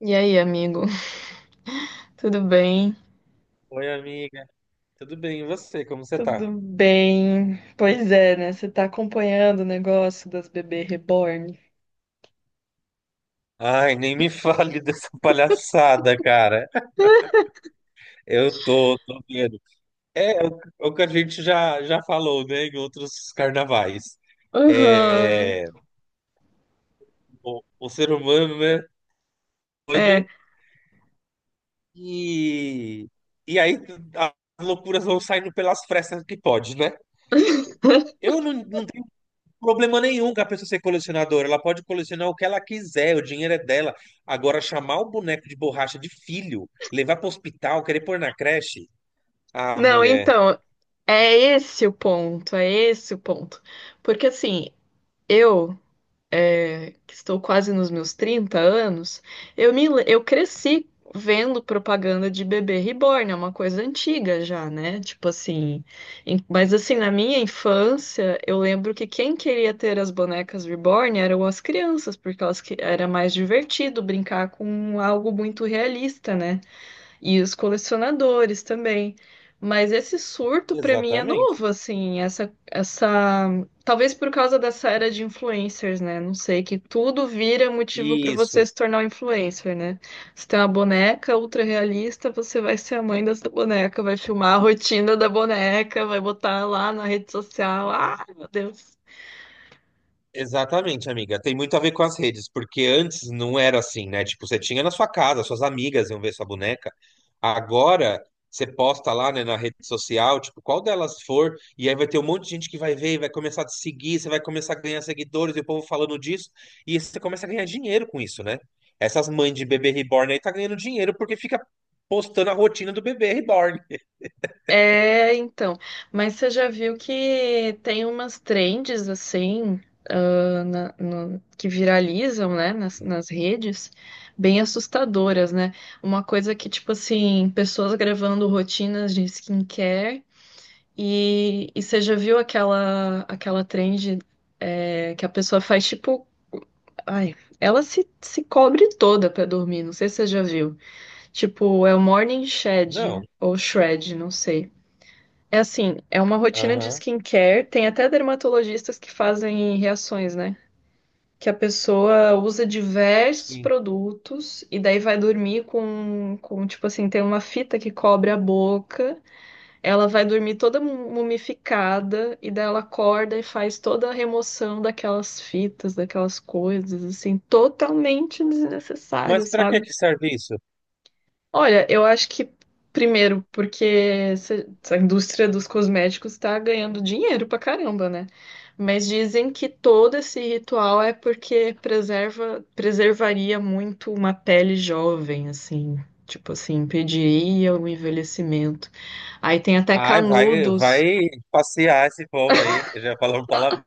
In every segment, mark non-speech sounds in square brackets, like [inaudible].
E aí, amigo? [laughs] Tudo bem? Oi, amiga. Tudo bem? E você? Como você tá? Tudo bem. Pois é, né? Você tá acompanhando o negócio das bebê reborn? Ai, nem me [laughs] fale dessa palhaçada, cara. Eu tô vendo. É o que a gente já falou, né, em outros carnavais. Aham, É, o ser humano, né, é. doido e, e aí as loucuras vão saindo pelas frestas que pode, né? [laughs] Eu não tenho problema nenhum com a pessoa ser colecionadora. Ela pode colecionar o que ela quiser, o dinheiro é dela. Agora, chamar o boneco de borracha de filho, levar para o hospital, querer pôr na creche. Ah, Não, mulher. então, é esse o ponto, é esse o ponto. Porque assim, eu que estou quase nos meus 30 anos, eu cresci vendo propaganda de bebê reborn, é uma coisa antiga já, né? Tipo assim, mas assim, na minha infância, eu lembro que quem queria ter as bonecas reborn eram as crianças, porque elas que era mais divertido brincar com algo muito realista, né? E os colecionadores também. Mas esse surto para mim é Exatamente. novo, assim, talvez por causa dessa era de influencers, né? Não sei, que tudo vira motivo para Isso. você se tornar um influencer, né? Você tem uma boneca ultra realista, você vai ser a mãe dessa boneca, vai filmar a rotina da boneca, vai botar lá na rede social. Ah, meu Deus. Exatamente, amiga. Tem muito a ver com as redes, porque antes não era assim, né? Tipo, você tinha na sua casa, suas amigas iam ver sua boneca. Agora, você posta lá, né, na rede social, tipo, qual delas for, e aí vai ter um monte de gente que vai ver e vai começar a te seguir, você vai começar a ganhar seguidores e o povo falando disso, e você começa a ganhar dinheiro com isso, né? Essas mães de bebê reborn aí tá ganhando dinheiro porque fica postando a rotina do bebê reborn. É, então, mas você já viu que tem umas trends assim, que viralizam, né, nas redes, bem assustadoras, né? Uma coisa que, tipo assim, pessoas gravando rotinas de skincare e você já viu aquela trend, é, que a pessoa faz, tipo, ai, ela se cobre toda pra dormir, não sei se você já viu. Tipo, é o Morning Shed Não. ou Shred, não sei. É assim, é uma rotina de Aham. skincare. Tem até dermatologistas que fazem reações, né? Que a pessoa usa diversos Sim. produtos e daí vai dormir com, tipo assim, tem uma fita que cobre a boca. Ela vai dormir toda mumificada e daí ela acorda e faz toda a remoção daquelas fitas, daquelas coisas, assim, totalmente Mas desnecessário, pra que sabe? que serve isso? Olha, eu acho que primeiro, porque essa indústria dos cosméticos está ganhando dinheiro pra caramba, né? Mas dizem que todo esse ritual é porque preservaria muito uma pele jovem, assim, tipo assim, impediria o envelhecimento. Aí tem até Ai, vai, canudos. vai passear esse povo aí. Eu já falou um palavrão.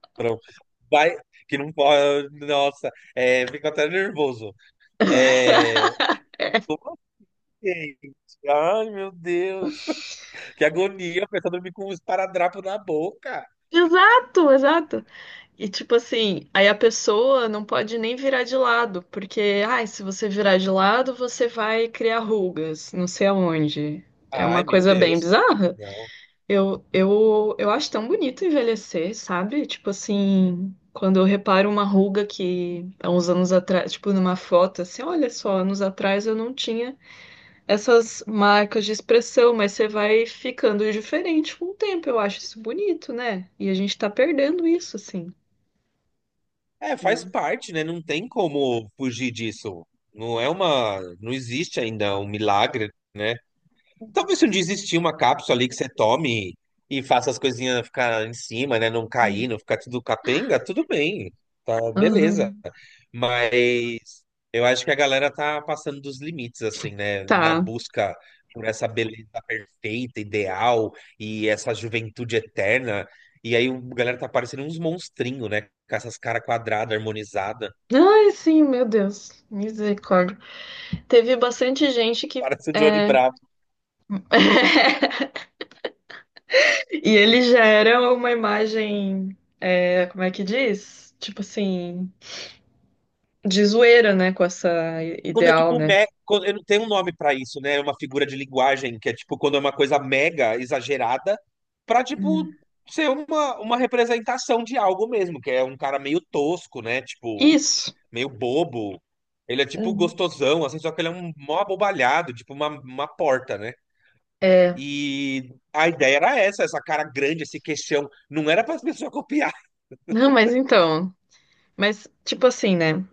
Vai, que não pode. Nossa, é, fico até nervoso. É, como assim? Ai, meu Deus. Que agonia, a pessoa dormir com um esparadrapo na boca. Exato, exato. E tipo assim, aí a pessoa não pode nem virar de lado, porque, ai, se você virar de lado, você vai criar rugas, não sei aonde. É uma Ai, meu coisa bem Deus. bizarra. Não. Eu acho tão bonito envelhecer, sabe? Tipo assim, quando eu reparo uma ruga que há uns anos atrás, tipo numa foto, assim, olha só, anos atrás eu não tinha essas marcas de expressão, mas você vai ficando diferente com o tempo. Eu acho isso bonito, né? E a gente tá perdendo isso, assim, É, faz né? parte, né? Não tem como fugir disso. Não é uma. Não existe ainda um milagre, né? Talvez se um dia existir uma cápsula ali que você tome e faça as coisinhas ficar em cima, né? Não cair, não ficar tudo capenga, tudo bem. Tá, beleza. Aham. Mas eu acho que a galera tá passando dos limites, assim, né? Na Tá. busca por essa beleza perfeita, ideal e essa juventude eterna. E aí a galera tá parecendo uns monstrinhos, né? Com essas caras quadradas, harmonizadas. [laughs] Ai, sim, meu Deus. Misericórdia. Teve bastante gente que. Parece o Johnny É, Bravo. [laughs] e ele já era uma imagem. É, como é que diz? Tipo assim. De zoeira, né? Com essa Quando é ideal, tipo né? me... quando- Eu não tenho um nome pra isso, né? É uma figura de linguagem que é tipo quando é uma coisa mega exagerada pra tipo Hum. ser uma representação de algo mesmo, que é um cara meio tosco, né? Tipo, Isso. meio bobo. Ele é tipo Uhum. gostosão, assim, só que ele é um mó abobalhado, tipo uma porta, né? É. E a ideia era essa, essa cara grande, esse queixão. Não era para as pessoas [laughs] copiar. Não, mas então. Mas, tipo assim, né?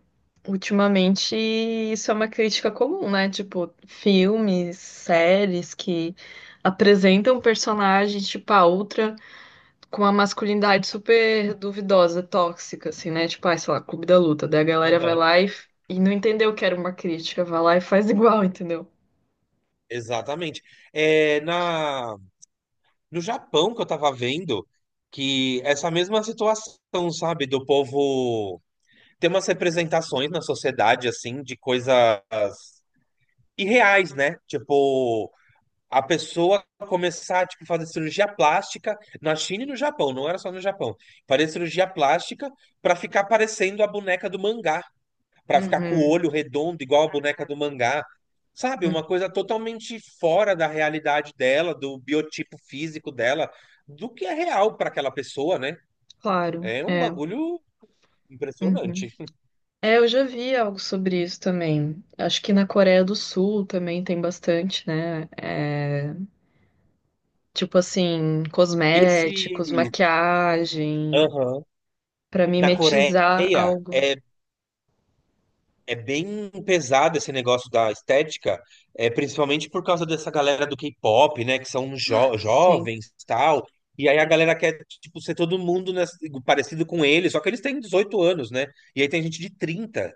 Ultimamente, isso é uma crítica comum, né? Tipo, filmes, séries que apresentam personagens, tipo, a outra com uma masculinidade super duvidosa, tóxica, assim, né? Tipo, ah, sei lá, Clube da Luta. Daí a galera vai Aham. lá e não entendeu que era uma crítica, vai lá e faz [laughs] igual, entendeu? Exatamente. É, na no Japão que eu tava vendo que essa mesma situação, sabe, do povo ter umas representações na sociedade assim de coisas irreais, né? Tipo, a pessoa começar tipo fazer cirurgia plástica na China e no Japão, não era só no Japão. Fazer cirurgia plástica pra ficar parecendo a boneca do mangá para ficar com o Uhum, olho redondo, igual a boneca do mangá. Sabe, uma uhum, coisa totalmente fora da realidade dela, do biotipo físico dela, do que é real para aquela pessoa, né? claro, É um é. bagulho Uhum. impressionante. É, eu já vi algo sobre isso também. Acho que na Coreia do Sul também tem bastante, né? É, tipo assim, Esse. cosméticos, maquiagem, Aham. pra Na mimetizar Coreia, algo. é, é bem pesado esse negócio da estética, é, principalmente por causa dessa galera do K-pop, né? Que são Sim. jovens e tal. E aí a galera quer, tipo, ser todo mundo nessa- parecido com eles, só que eles têm 18 anos, né? E aí tem gente de 30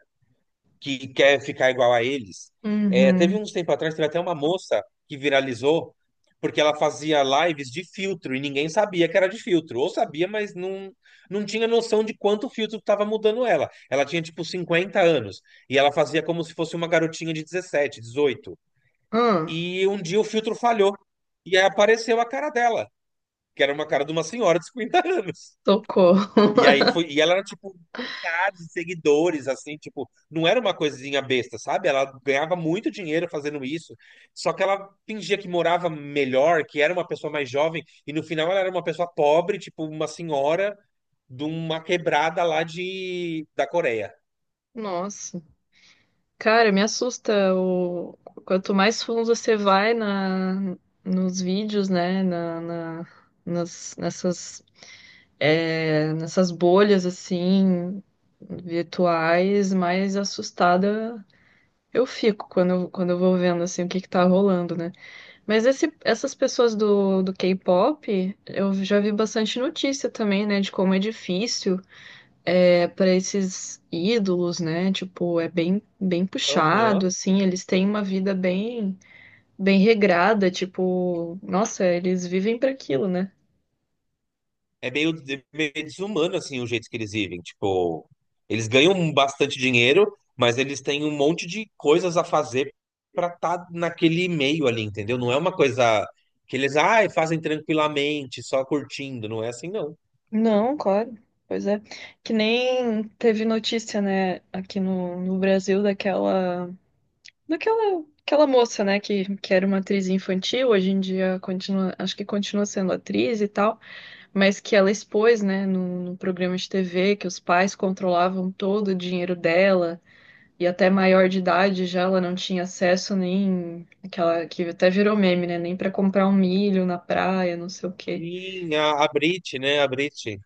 que quer ficar igual a eles. É, teve Uhum. uns tempo atrás, teve até uma moça que viralizou porque ela fazia lives de filtro e ninguém sabia que era de filtro. Ou sabia, mas não tinha noção de quanto o filtro estava mudando ela. Ela tinha, tipo, 50 anos e ela fazia como se fosse uma garotinha de 17, 18. Ah, E um dia o filtro falhou e aí apareceu a cara dela, que era uma cara de uma senhora de 50 [laughs] anos. socorro. E aí [laughs] foi, e ela era tipo milhares de seguidores, assim, tipo, não era uma coisinha besta, sabe? Ela ganhava muito dinheiro fazendo isso, só que ela fingia que morava melhor, que era uma pessoa mais jovem, e no final ela era uma pessoa pobre, tipo, uma senhora de uma quebrada lá de da Coreia. Nossa. Cara, me assusta o quanto mais fundo você vai na nos vídeos, né, nessas é, nessas bolhas assim virtuais, mais assustada eu fico quando eu vou vendo assim o que que tá rolando, né? Mas essas pessoas do K-pop, eu já vi bastante notícia também, né, de como é difícil é, para esses ídolos, né? Tipo, é bem Aham. puxado, assim, eles têm uma vida bem, bem regrada, tipo, nossa, eles vivem para aquilo, né? É meio, de meio desumano, assim, o jeito que eles vivem. Tipo, eles ganham bastante dinheiro, mas eles têm um monte de coisas a fazer pra estar naquele meio ali, entendeu? Não é uma coisa que eles, ai, fazem tranquilamente, só curtindo. Não é assim, não. Não, claro. Pois é. Que nem teve notícia, né, aqui no, no Brasil daquela. Daquela aquela moça, né, que era uma atriz infantil, hoje em dia continua, acho que continua sendo atriz e tal, mas que ela expôs, né, no programa de TV, que os pais controlavam todo o dinheiro dela, e até maior de idade já ela não tinha acesso nem aquela que até virou meme, né, nem para comprar um milho na praia, não sei o quê. Sim, a Brit, né? A Brit.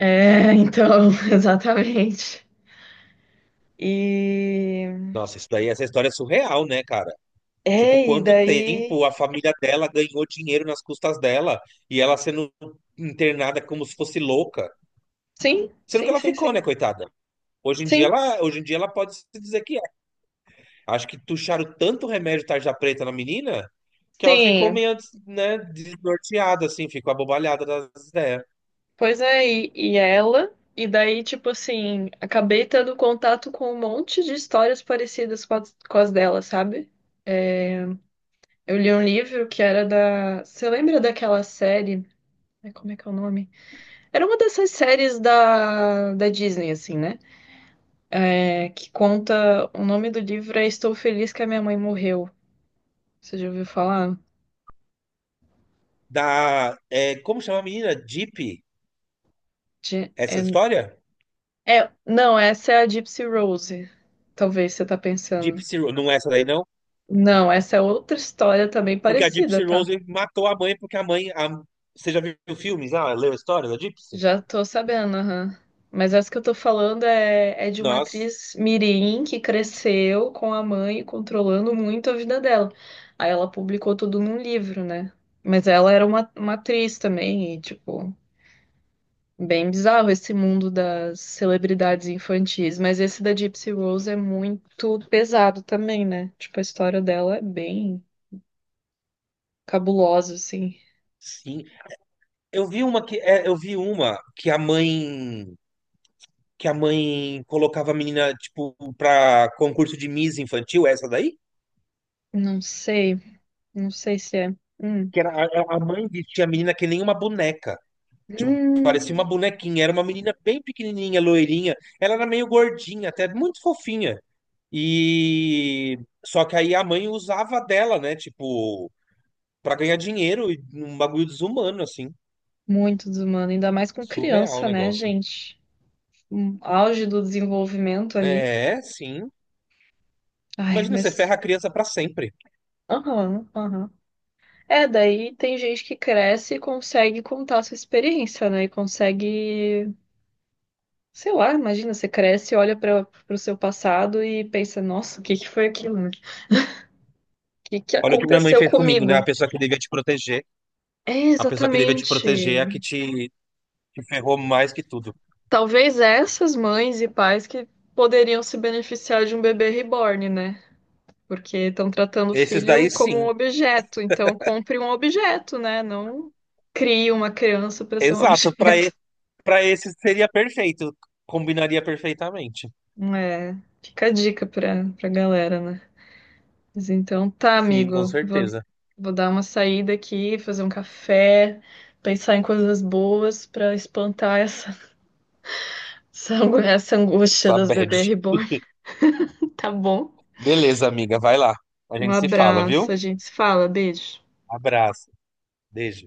É, então, [laughs] exatamente. E Nossa, isso daí, essa história é surreal, né, cara? Tipo, é, e quanto daí. tempo a família dela ganhou dinheiro nas custas dela e ela sendo internada como se fosse louca. Sim, Sendo que sim, ela sim, ficou, sim. né, coitada? Sim, Hoje em dia ela pode se dizer que é. Acho que tucharam tanto remédio tarja preta na menina que ela ficou sim. meio, né, desnorteada, assim, ficou abobalhada das ideias. Pois é, e ela, e daí, tipo assim, acabei tendo contato com um monte de histórias parecidas com com as dela, sabe? Eu li um livro que era da. Você lembra daquela série? Ai, como é que é o nome? Era uma dessas séries da Disney, assim, né? É, que conta. O nome do livro é Estou Feliz que a Minha Mãe Morreu. Você já ouviu falar? Da, é, como chama a menina? Deep? Essa É, história? Não, essa é a Gypsy Rose. Talvez você tá pensando. Gypsy Rose. Não é essa daí, não? Não, essa é outra história também Porque a parecida, Gypsy tá? Rose matou a mãe, porque a mãe. A- Você já viu filmes? Ah, leu a história da Gypsy? Já tô sabendo, aham. Mas essa que eu tô falando é, é de uma Nossa, atriz mirim que cresceu com a mãe controlando muito a vida dela. Aí ela publicou tudo num livro, né? Mas ela era uma atriz também, e tipo, bem bizarro esse mundo das celebridades infantis. Mas esse da Gypsy Rose é muito pesado também, né? Tipo, a história dela é bem cabulosa, assim. sim. Eu vi uma que, é, eu vi uma que a mãe colocava a menina, tipo, pra concurso de Miss infantil, é essa daí? Não sei, não sei se é. Hum. Que era, a mãe vestia a menina que nem uma boneca. Tipo, parecia uma Hum. bonequinha. Era uma menina bem pequenininha, loirinha. Ela era meio gordinha, até muito fofinha. E só que aí a mãe usava dela, né? Tipo, pra ganhar dinheiro e um bagulho desumano, assim. Muito desumano, ainda mais com Surreal o criança, né, negócio. gente? Um auge do desenvolvimento ali. É, sim. Ai, Imagina, você mas. ferra a criança pra sempre. Aham, aham. É, daí tem gente que cresce e consegue contar a sua experiência, né? E consegue. Sei lá, imagina, você cresce, olha para o seu passado e pensa: nossa, o que que foi aquilo? Né? O que que Olha o que minha mãe aconteceu fez comigo, né? A comigo? pessoa que devia te proteger. É, A pessoa que devia te proteger é a que exatamente. te ferrou mais que tudo. Talvez essas mães e pais que poderiam se beneficiar de um bebê reborn, né? Porque estão tratando o Esses daí, filho como sim. um objeto. Então, compre um objeto, né? Não crie uma criança para ser um Exato. Para objeto. para esses seria perfeito. Combinaria perfeitamente. [laughs] É, fica a dica pra galera, né? Mas então tá, Sim, com amigo. Vou, certeza. vou dar uma saída aqui, fazer um café, pensar em coisas boas pra espantar essa, [laughs] essa essa angústia Essa das bad. bebês reborn. [laughs] Tá bom? Beleza, amiga. Vai lá. A Um gente se fala, abraço, a viu? gente se fala, beijo. Abraço. Beijo.